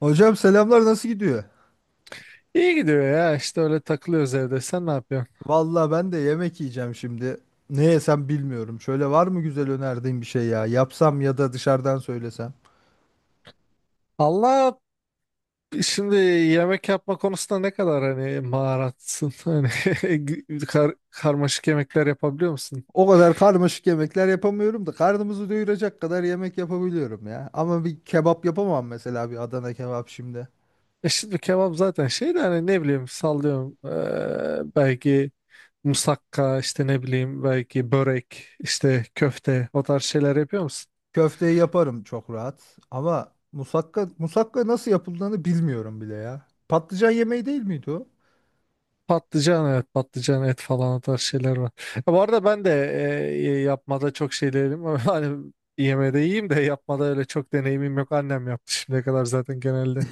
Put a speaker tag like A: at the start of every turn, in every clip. A: Hocam selamlar nasıl gidiyor?
B: İyi gidiyor ya işte öyle takılıyoruz evde. Sen ne yapıyorsun?
A: Valla ben de yemek yiyeceğim şimdi. Ne yesem bilmiyorum. Şöyle var mı güzel önerdiğin bir şey ya? Yapsam ya da dışarıdan söylesem.
B: Allah, şimdi yemek yapma konusunda ne kadar hani maharatsın? Hani karmaşık yemekler yapabiliyor musun?
A: O kadar karmaşık yemekler yapamıyorum da karnımızı doyuracak kadar yemek yapabiliyorum ya. Ama bir kebap yapamam mesela bir Adana kebap şimdi.
B: E şimdi kebap zaten şey de hani ne bileyim sallıyorum. Belki musakka işte ne bileyim belki börek işte köfte o tarz şeyler yapıyor musun?
A: Köfteyi yaparım çok rahat. Ama musakka nasıl yapıldığını bilmiyorum bile ya. Patlıcan yemeği değil miydi o?
B: Patlıcan, evet, patlıcan et falan o tarz şeyler var. Ya bu arada ben de yapmada çok şey değilim. Ama hani yemede iyiyim de yapmada öyle çok deneyimim yok. Annem yaptı şimdiye kadar zaten genelde.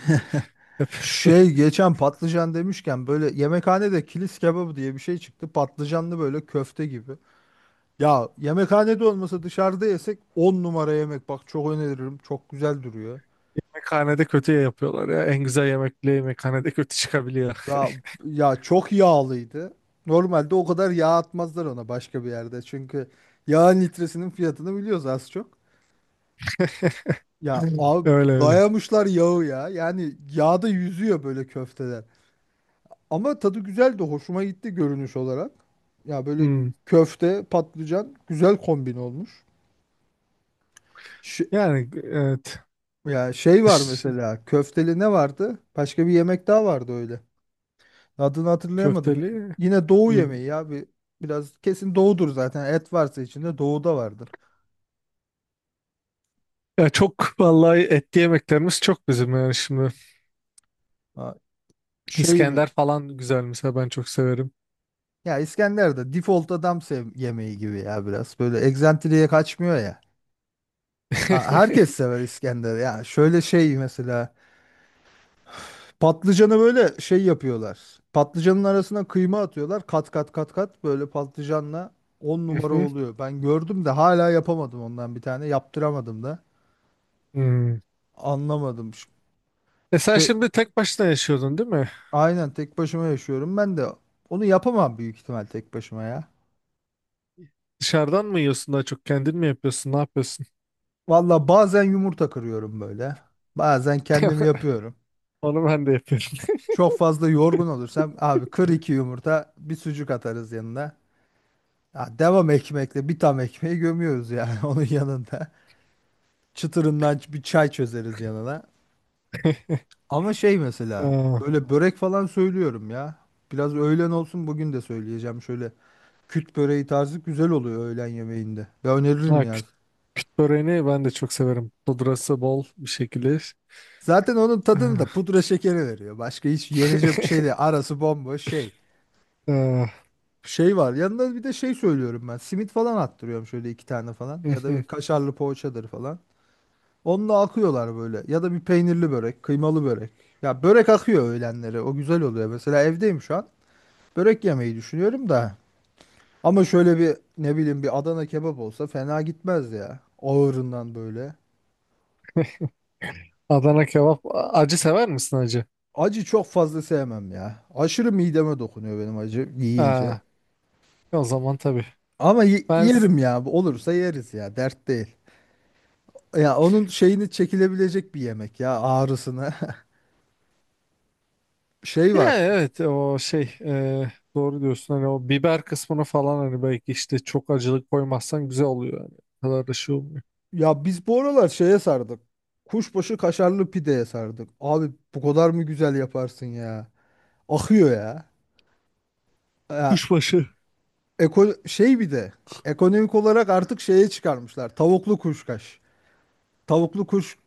B: Hep
A: Şey geçen patlıcan demişken böyle yemekhanede kilis kebabı diye bir şey çıktı. Patlıcanlı böyle köfte gibi. Ya yemekhanede olmasa dışarıda yesek 10 numara yemek. Bak çok öneririm. Çok güzel duruyor.
B: yemekhanede kötü yapıyorlar ya. En güzel yemek bile yemekhanede kötü çıkabiliyor.
A: Ya, ya çok yağlıydı. Normalde o kadar yağ atmazlar ona başka bir yerde. Çünkü yağın litresinin fiyatını biliyoruz az çok. Ya abi
B: Öyle öyle.
A: dayamışlar yağı ya. Yani yağda yüzüyor böyle köfteler. Ama tadı güzeldi. Hoşuma gitti görünüş olarak. Ya böyle
B: Hmm.
A: köfte, patlıcan güzel kombin olmuş. Ş-
B: Yani evet.
A: ya şey var
B: dış
A: mesela köfteli ne vardı? Başka bir yemek daha vardı öyle. Adını hatırlayamadım.
B: Köfteli.
A: Yine doğu
B: Hmm.
A: yemeği ya. Biraz kesin doğudur zaten. Et varsa içinde doğuda vardır.
B: Ya çok vallahi etli yemeklerimiz çok bizim yani şimdi.
A: Ha, şey mi?
B: İskender falan güzel mesela, ben çok severim.
A: Ya İskender'de default adam sev yemeği gibi ya biraz. Böyle egzantriye kaçmıyor ya. Ha, herkes sever İskender. Ya şöyle şey mesela patlıcanı böyle şey yapıyorlar. Patlıcanın arasına kıyma atıyorlar. Kat kat kat kat böyle patlıcanla 10
B: Hı
A: numara
B: hı.
A: oluyor. Ben gördüm de hala yapamadım ondan bir tane. Yaptıramadım da.
B: Hmm.
A: Anlamadım. Ş-
B: E sen
A: Şey
B: şimdi tek başına yaşıyordun değil mi?
A: aynen tek başıma yaşıyorum. Ben de onu yapamam büyük ihtimal tek başıma ya.
B: Dışarıdan mı yiyorsun daha çok? Kendin mi yapıyorsun? Ne yapıyorsun?
A: Valla bazen yumurta kırıyorum böyle. Bazen kendim yapıyorum.
B: Onu ben de yapıyorum.
A: Çok fazla yorgun olursam abi kır iki yumurta bir sucuk atarız yanına. Ya devam ekmekle bir tam ekmeği gömüyoruz yani onun yanında. Çıtırından bir çay çözeriz yanına. Ama şey mesela
B: Aa,
A: böyle börek falan söylüyorum ya. Biraz öğlen olsun bugün de söyleyeceğim şöyle. Küt böreği tarzı güzel oluyor öğlen yemeğinde. Ya öneririm
B: ha,
A: ya.
B: kütük böreğini ben de çok severim. Pudrası bol bir şekilde.
A: Zaten onun tadını da
B: Ah.
A: pudra şekeri veriyor. Başka hiç yenecek bir şey de arası bomboş şey.
B: Ah,
A: Şey var yanında bir de şey söylüyorum ben. Simit falan attırıyorum şöyle iki tane falan. Ya da bir
B: mhm.
A: kaşarlı poğaçadır falan. Onunla akıyorlar böyle. Ya da bir peynirli börek, kıymalı börek. Ya börek akıyor öğlenleri. O güzel oluyor. Mesela evdeyim şu an. Börek yemeyi düşünüyorum da. Ama şöyle bir ne bileyim bir Adana kebap olsa fena gitmez ya. Ağırından böyle.
B: Adana kebap. Acı sever misin acı?
A: Acı çok fazla sevmem ya. Aşırı mideme dokunuyor benim acı yiyince.
B: Aa, o zaman tabii.
A: Ama
B: Ben s-
A: yerim ya. Bu olursa yeriz ya. Dert değil. Ya onun şeyini çekilebilecek bir yemek ya ağrısını. Şey
B: Yani
A: var.
B: evet, o şey, doğru diyorsun, hani o biber kısmını falan hani belki işte çok acılık koymazsan güzel oluyor yani. O kadar da şey olmuyor.
A: Ya biz bu aralar şeye sardık. Kuşbaşı kaşarlı pideye sardık. Abi bu kadar mı güzel yaparsın ya? Akıyor ya. Ya
B: Kuşbaşı.
A: Şey bir de ekonomik olarak artık şeye çıkarmışlar. Tavuklu kuşkaş. Tavuklu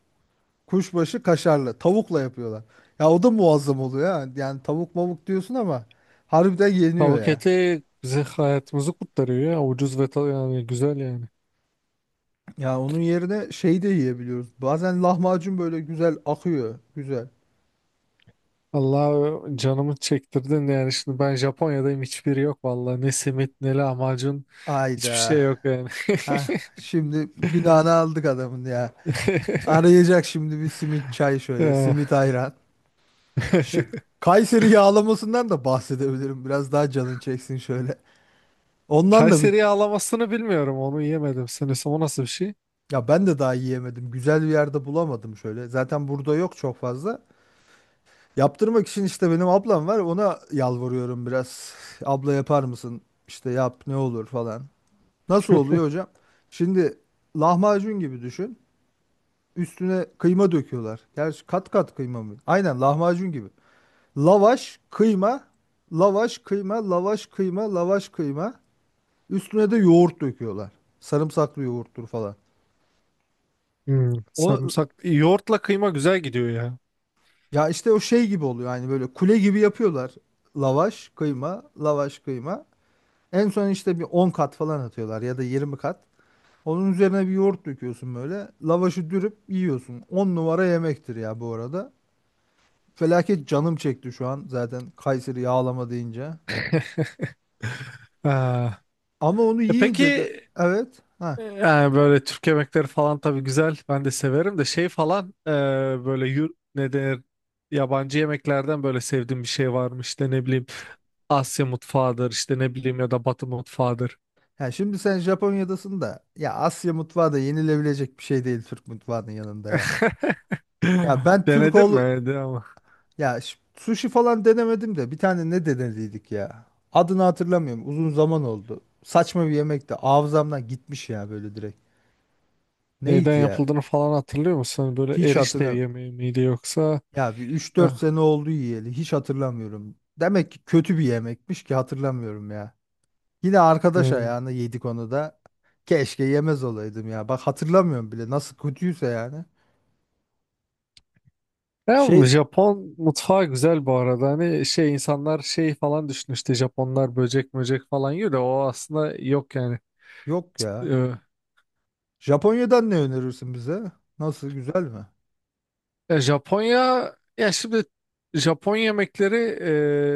A: kuşbaşı kaşarlı. Tavukla yapıyorlar. Ya o da muazzam oluyor ha. Yani tavuk mavuk diyorsun ama harbiden yeniyor
B: Tavuk
A: ya.
B: eti bize hayatımızı kurtarıyor ya, ucuz ve yani güzel yani.
A: Ya onun yerine şey de yiyebiliyoruz. Bazen lahmacun böyle güzel akıyor. Güzel.
B: Allah canımı çektirdin yani, şimdi ben Japonya'dayım, hiçbiri yok vallahi, ne simit ne lahmacun, hiçbir
A: Ayda.
B: şey yok yani.
A: Ha, şimdi günahını aldık adamın ya. Arayacak şimdi bir simit çay şöyle.
B: Ya.
A: Simit ayran. Şi- Kayseri yağlamasından da bahsedebilirim. Biraz daha canın çeksin şöyle. Ondan da bir
B: Kayseri yağlamasını bilmiyorum, onu yemedim sanırsam. O nasıl bir şey?
A: ya ben de daha yiyemedim. Güzel bir yerde bulamadım şöyle. Zaten burada yok çok fazla. Yaptırmak için işte benim ablam var. Ona yalvarıyorum biraz. Abla yapar mısın? İşte yap ne olur falan. Nasıl oluyor hocam? Şimdi lahmacun gibi düşün. Üstüne kıyma döküyorlar. Gerçi kat kat kıyma mı? Aynen lahmacun gibi. Lavaş, kıyma, lavaş, kıyma, lavaş, kıyma, lavaş, kıyma. Üstüne de yoğurt döküyorlar. Sarımsaklı yoğurttur falan.
B: Hmm,
A: O
B: sarımsak. Yoğurtla kıyma güzel gidiyor ya.
A: Ya işte o şey gibi oluyor yani böyle kule gibi yapıyorlar. Lavaş, kıyma, lavaş, kıyma. En son işte bir 10 kat falan atıyorlar ya da 20 kat. Onun üzerine bir yoğurt döküyorsun böyle. Lavaşı dürüp yiyorsun. 10 numara yemektir ya bu arada. Felaket canım çekti şu an zaten Kayseri yağlama deyince.
B: Ha.
A: Ama onu
B: E
A: yiyince de
B: peki,
A: evet. Ha.
B: yani böyle Türk yemekleri falan tabii güzel. Ben de severim de şey falan, böyle ne denir, yabancı yemeklerden böyle sevdiğim bir şey var mı? İşte ne bileyim, Asya mutfağıdır işte ne bileyim, ya da Batı mutfağıdır.
A: Ya şimdi sen Japonya'dasın da ya Asya mutfağı da yenilebilecek bir şey değil Türk mutfağının yanında ya. Ya ben Türk
B: Denedin mi?
A: ol
B: Denedin ama.
A: Ya sushi falan denemedim de bir tane ne denediydik ya. Adını hatırlamıyorum. Uzun zaman oldu. Saçma bir yemekti. Hafızamdan gitmiş ya böyle direkt.
B: Neyden
A: Neydi ya?
B: yapıldığını falan hatırlıyor musun? Hani böyle
A: Hiç
B: erişte bir
A: hatırlam.
B: yemeği miydi yoksa?
A: Ya bir üç dört
B: Ah,
A: sene oldu yiyeli. Hiç hatırlamıyorum. Demek ki kötü bir yemekmiş ki hatırlamıyorum ya. Yine arkadaş
B: hmm.
A: ayağına yedik onu da. Keşke yemez olaydım ya. Bak hatırlamıyorum bile nasıl kötüyse yani.
B: Ya
A: Şey
B: Japon mutfağı güzel bu arada. Hani şey, insanlar şey falan düşünüyor işte, Japonlar böcek möcek falan yiyor da, o aslında yok yani.
A: yok ya.
B: Ee,
A: Japonya'dan ne önerirsin bize? Nasıl güzel mi?
B: Ya Japonya, ya şimdi Japon yemekleri,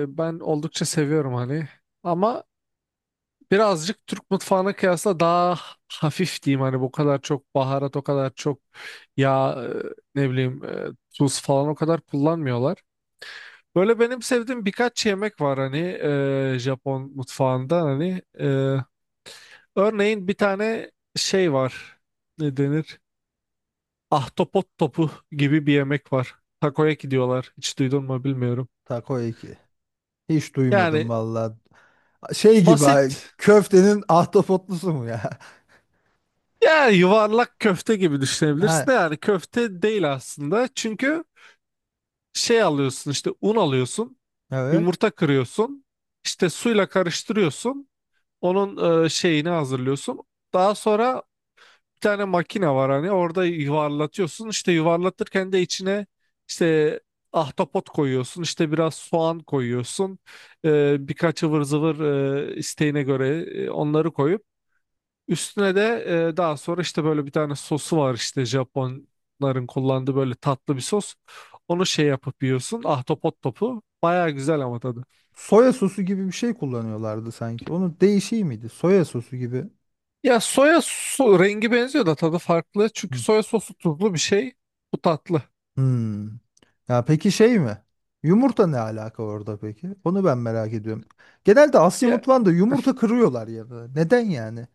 B: ben oldukça seviyorum hani. Ama birazcık Türk mutfağına kıyasla daha hafif diyeyim, hani bu kadar çok baharat, o kadar çok yağ, ne bileyim, tuz falan o kadar kullanmıyorlar. Böyle benim sevdiğim birkaç yemek var hani, Japon mutfağında hani, örneğin bir tane şey var, ne denir, ahtapot topu gibi bir yemek var, takoyaki diyorlar, hiç duydun mu bilmiyorum.
A: Takoyaki. Hiç duymadım
B: Yani
A: valla. Şey gibi ha,
B: basit,
A: köftenin ahtapotlusu mu ya?
B: yani yuvarlak köfte gibi
A: Ha,
B: düşünebilirsin de, yani köfte değil aslında, çünkü şey alıyorsun işte, un alıyorsun,
A: evet.
B: yumurta kırıyorsun, işte suyla karıştırıyorsun, onun şeyini hazırlıyorsun. Daha sonra bir tane makine var hani, orada yuvarlatıyorsun, işte yuvarlatırken de içine işte ahtapot koyuyorsun, işte biraz soğan koyuyorsun, birkaç ıvır zıvır, isteğine göre, onları koyup, üstüne de daha sonra işte böyle bir tane sosu var, işte Japonların kullandığı böyle tatlı bir sos, onu şey yapıp yiyorsun. Ahtapot topu baya güzel ama tadı.
A: Soya sosu gibi bir şey kullanıyorlardı sanki. Onun değişiği miydi? Soya sosu gibi.
B: Ya soya so rengi benziyor da tadı farklı, çünkü
A: Hı.
B: soya sosu tuzlu bir şey, bu tatlı.
A: Hmm. Ya peki şey mi? Yumurta ne alaka orada peki? Onu ben merak ediyorum. Genelde Asya
B: Ya
A: mutfağında yumurta kırıyorlar ya da. Neden yani?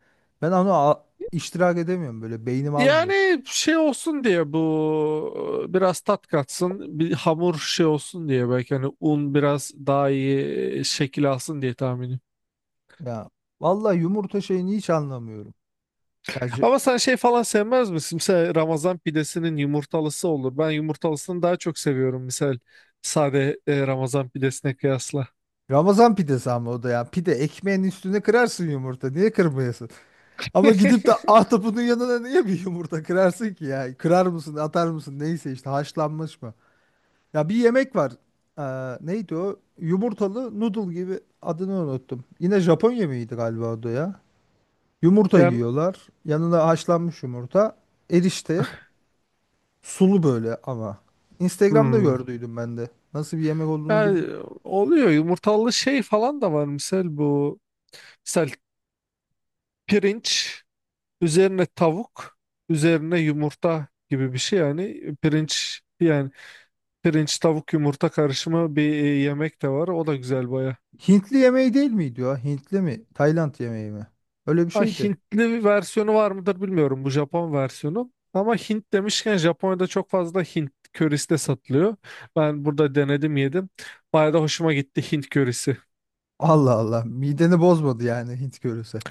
A: Ben onu iştirak edemiyorum böyle beynim almıyor.
B: yani şey olsun diye bu, biraz tat katsın, bir hamur şey olsun diye, belki hani un biraz daha iyi şekil alsın diye, tahminim.
A: Ya vallahi yumurta şeyini hiç anlamıyorum. Ya
B: Ama sen şey falan sevmez misin? Mesela Ramazan pidesinin yumurtalısı olur. Ben yumurtalısını daha çok seviyorum misal, sade, Ramazan pidesine kıyasla.
A: Ramazan pidesi ama o da ya. Pide ekmeğin üstüne kırarsın yumurta. Niye kırmayasın? Ama gidip de ahtapotunun yanına niye bir yumurta kırarsın ki ya? Kırar mısın, atar mısın? Neyse işte haşlanmış mı? Ya bir yemek var. Ee, neydi o? Yumurtalı noodle gibi adını unuttum. Yine Japon yemeğiydi galiba o da ya. Yumurta
B: Yani,
A: yiyorlar. Yanına haşlanmış yumurta. Erişte. Sulu böyle ama. Instagram'da
B: hmm,
A: gördüydüm ben de. Nasıl bir yemek olduğunu bil.
B: yani oluyor yumurtalı şey falan da var misal, bu misal pirinç. Üzerine tavuk, üzerine yumurta gibi bir şey, yani pirinç, yani pirinç tavuk yumurta karışımı bir yemek de var. O da güzel baya.
A: Hintli yemeği değil miydi o? Hintli mi? Tayland yemeği mi? Öyle bir
B: Ha,
A: şeydi.
B: Hintli bir versiyonu var mıdır bilmiyorum, bu Japon versiyonu. Ama Hint demişken, Japonya'da çok fazla Hint körisi de satılıyor. Ben burada denedim, yedim. Baya da hoşuma gitti Hint körisi.
A: Allah Allah. Mideni bozmadı yani Hint görürse.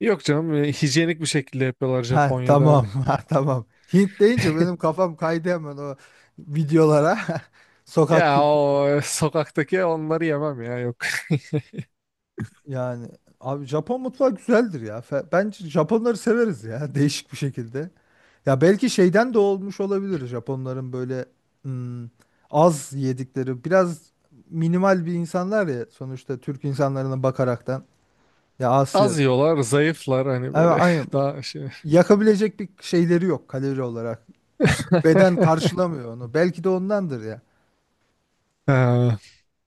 B: Yok canım, hijyenik bir şekilde yapıyorlar
A: Ha
B: Japonya'da
A: tamam.
B: hani.
A: Ha tamam. Hint deyince benim kafam kaydı hemen o videolara. Sokak
B: Ya
A: kültürü
B: o sokaktaki onları yemem ya, yok.
A: yani. Abi Japon mutfağı güzeldir ya. Bence Japonları severiz ya değişik bir şekilde. Ya belki şeyden de olmuş olabilir Japonların böyle hmm, az yedikleri biraz minimal bir insanlar ya sonuçta Türk insanlarına bakaraktan. Ya Asya
B: Az yiyorlar, zayıflar hani
A: Evet,
B: böyle
A: aynen.
B: daha şey.
A: Yakabilecek bir şeyleri yok kalori olarak. Beden karşılamıyor onu. Belki de ondandır ya.
B: Ha,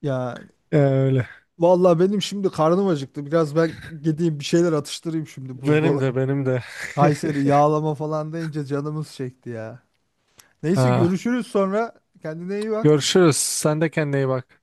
A: Ya
B: öyle.
A: vallahi benim şimdi karnım acıktı. Biraz ben gideyim bir şeyler atıştırayım şimdi
B: Benim
A: buzdolabı.
B: de, benim de.
A: Kayseri yağlama falan deyince canımız çekti ya. Neyse
B: Ha,
A: görüşürüz sonra. Kendine iyi bak.
B: görüşürüz. Sen de kendine iyi bak.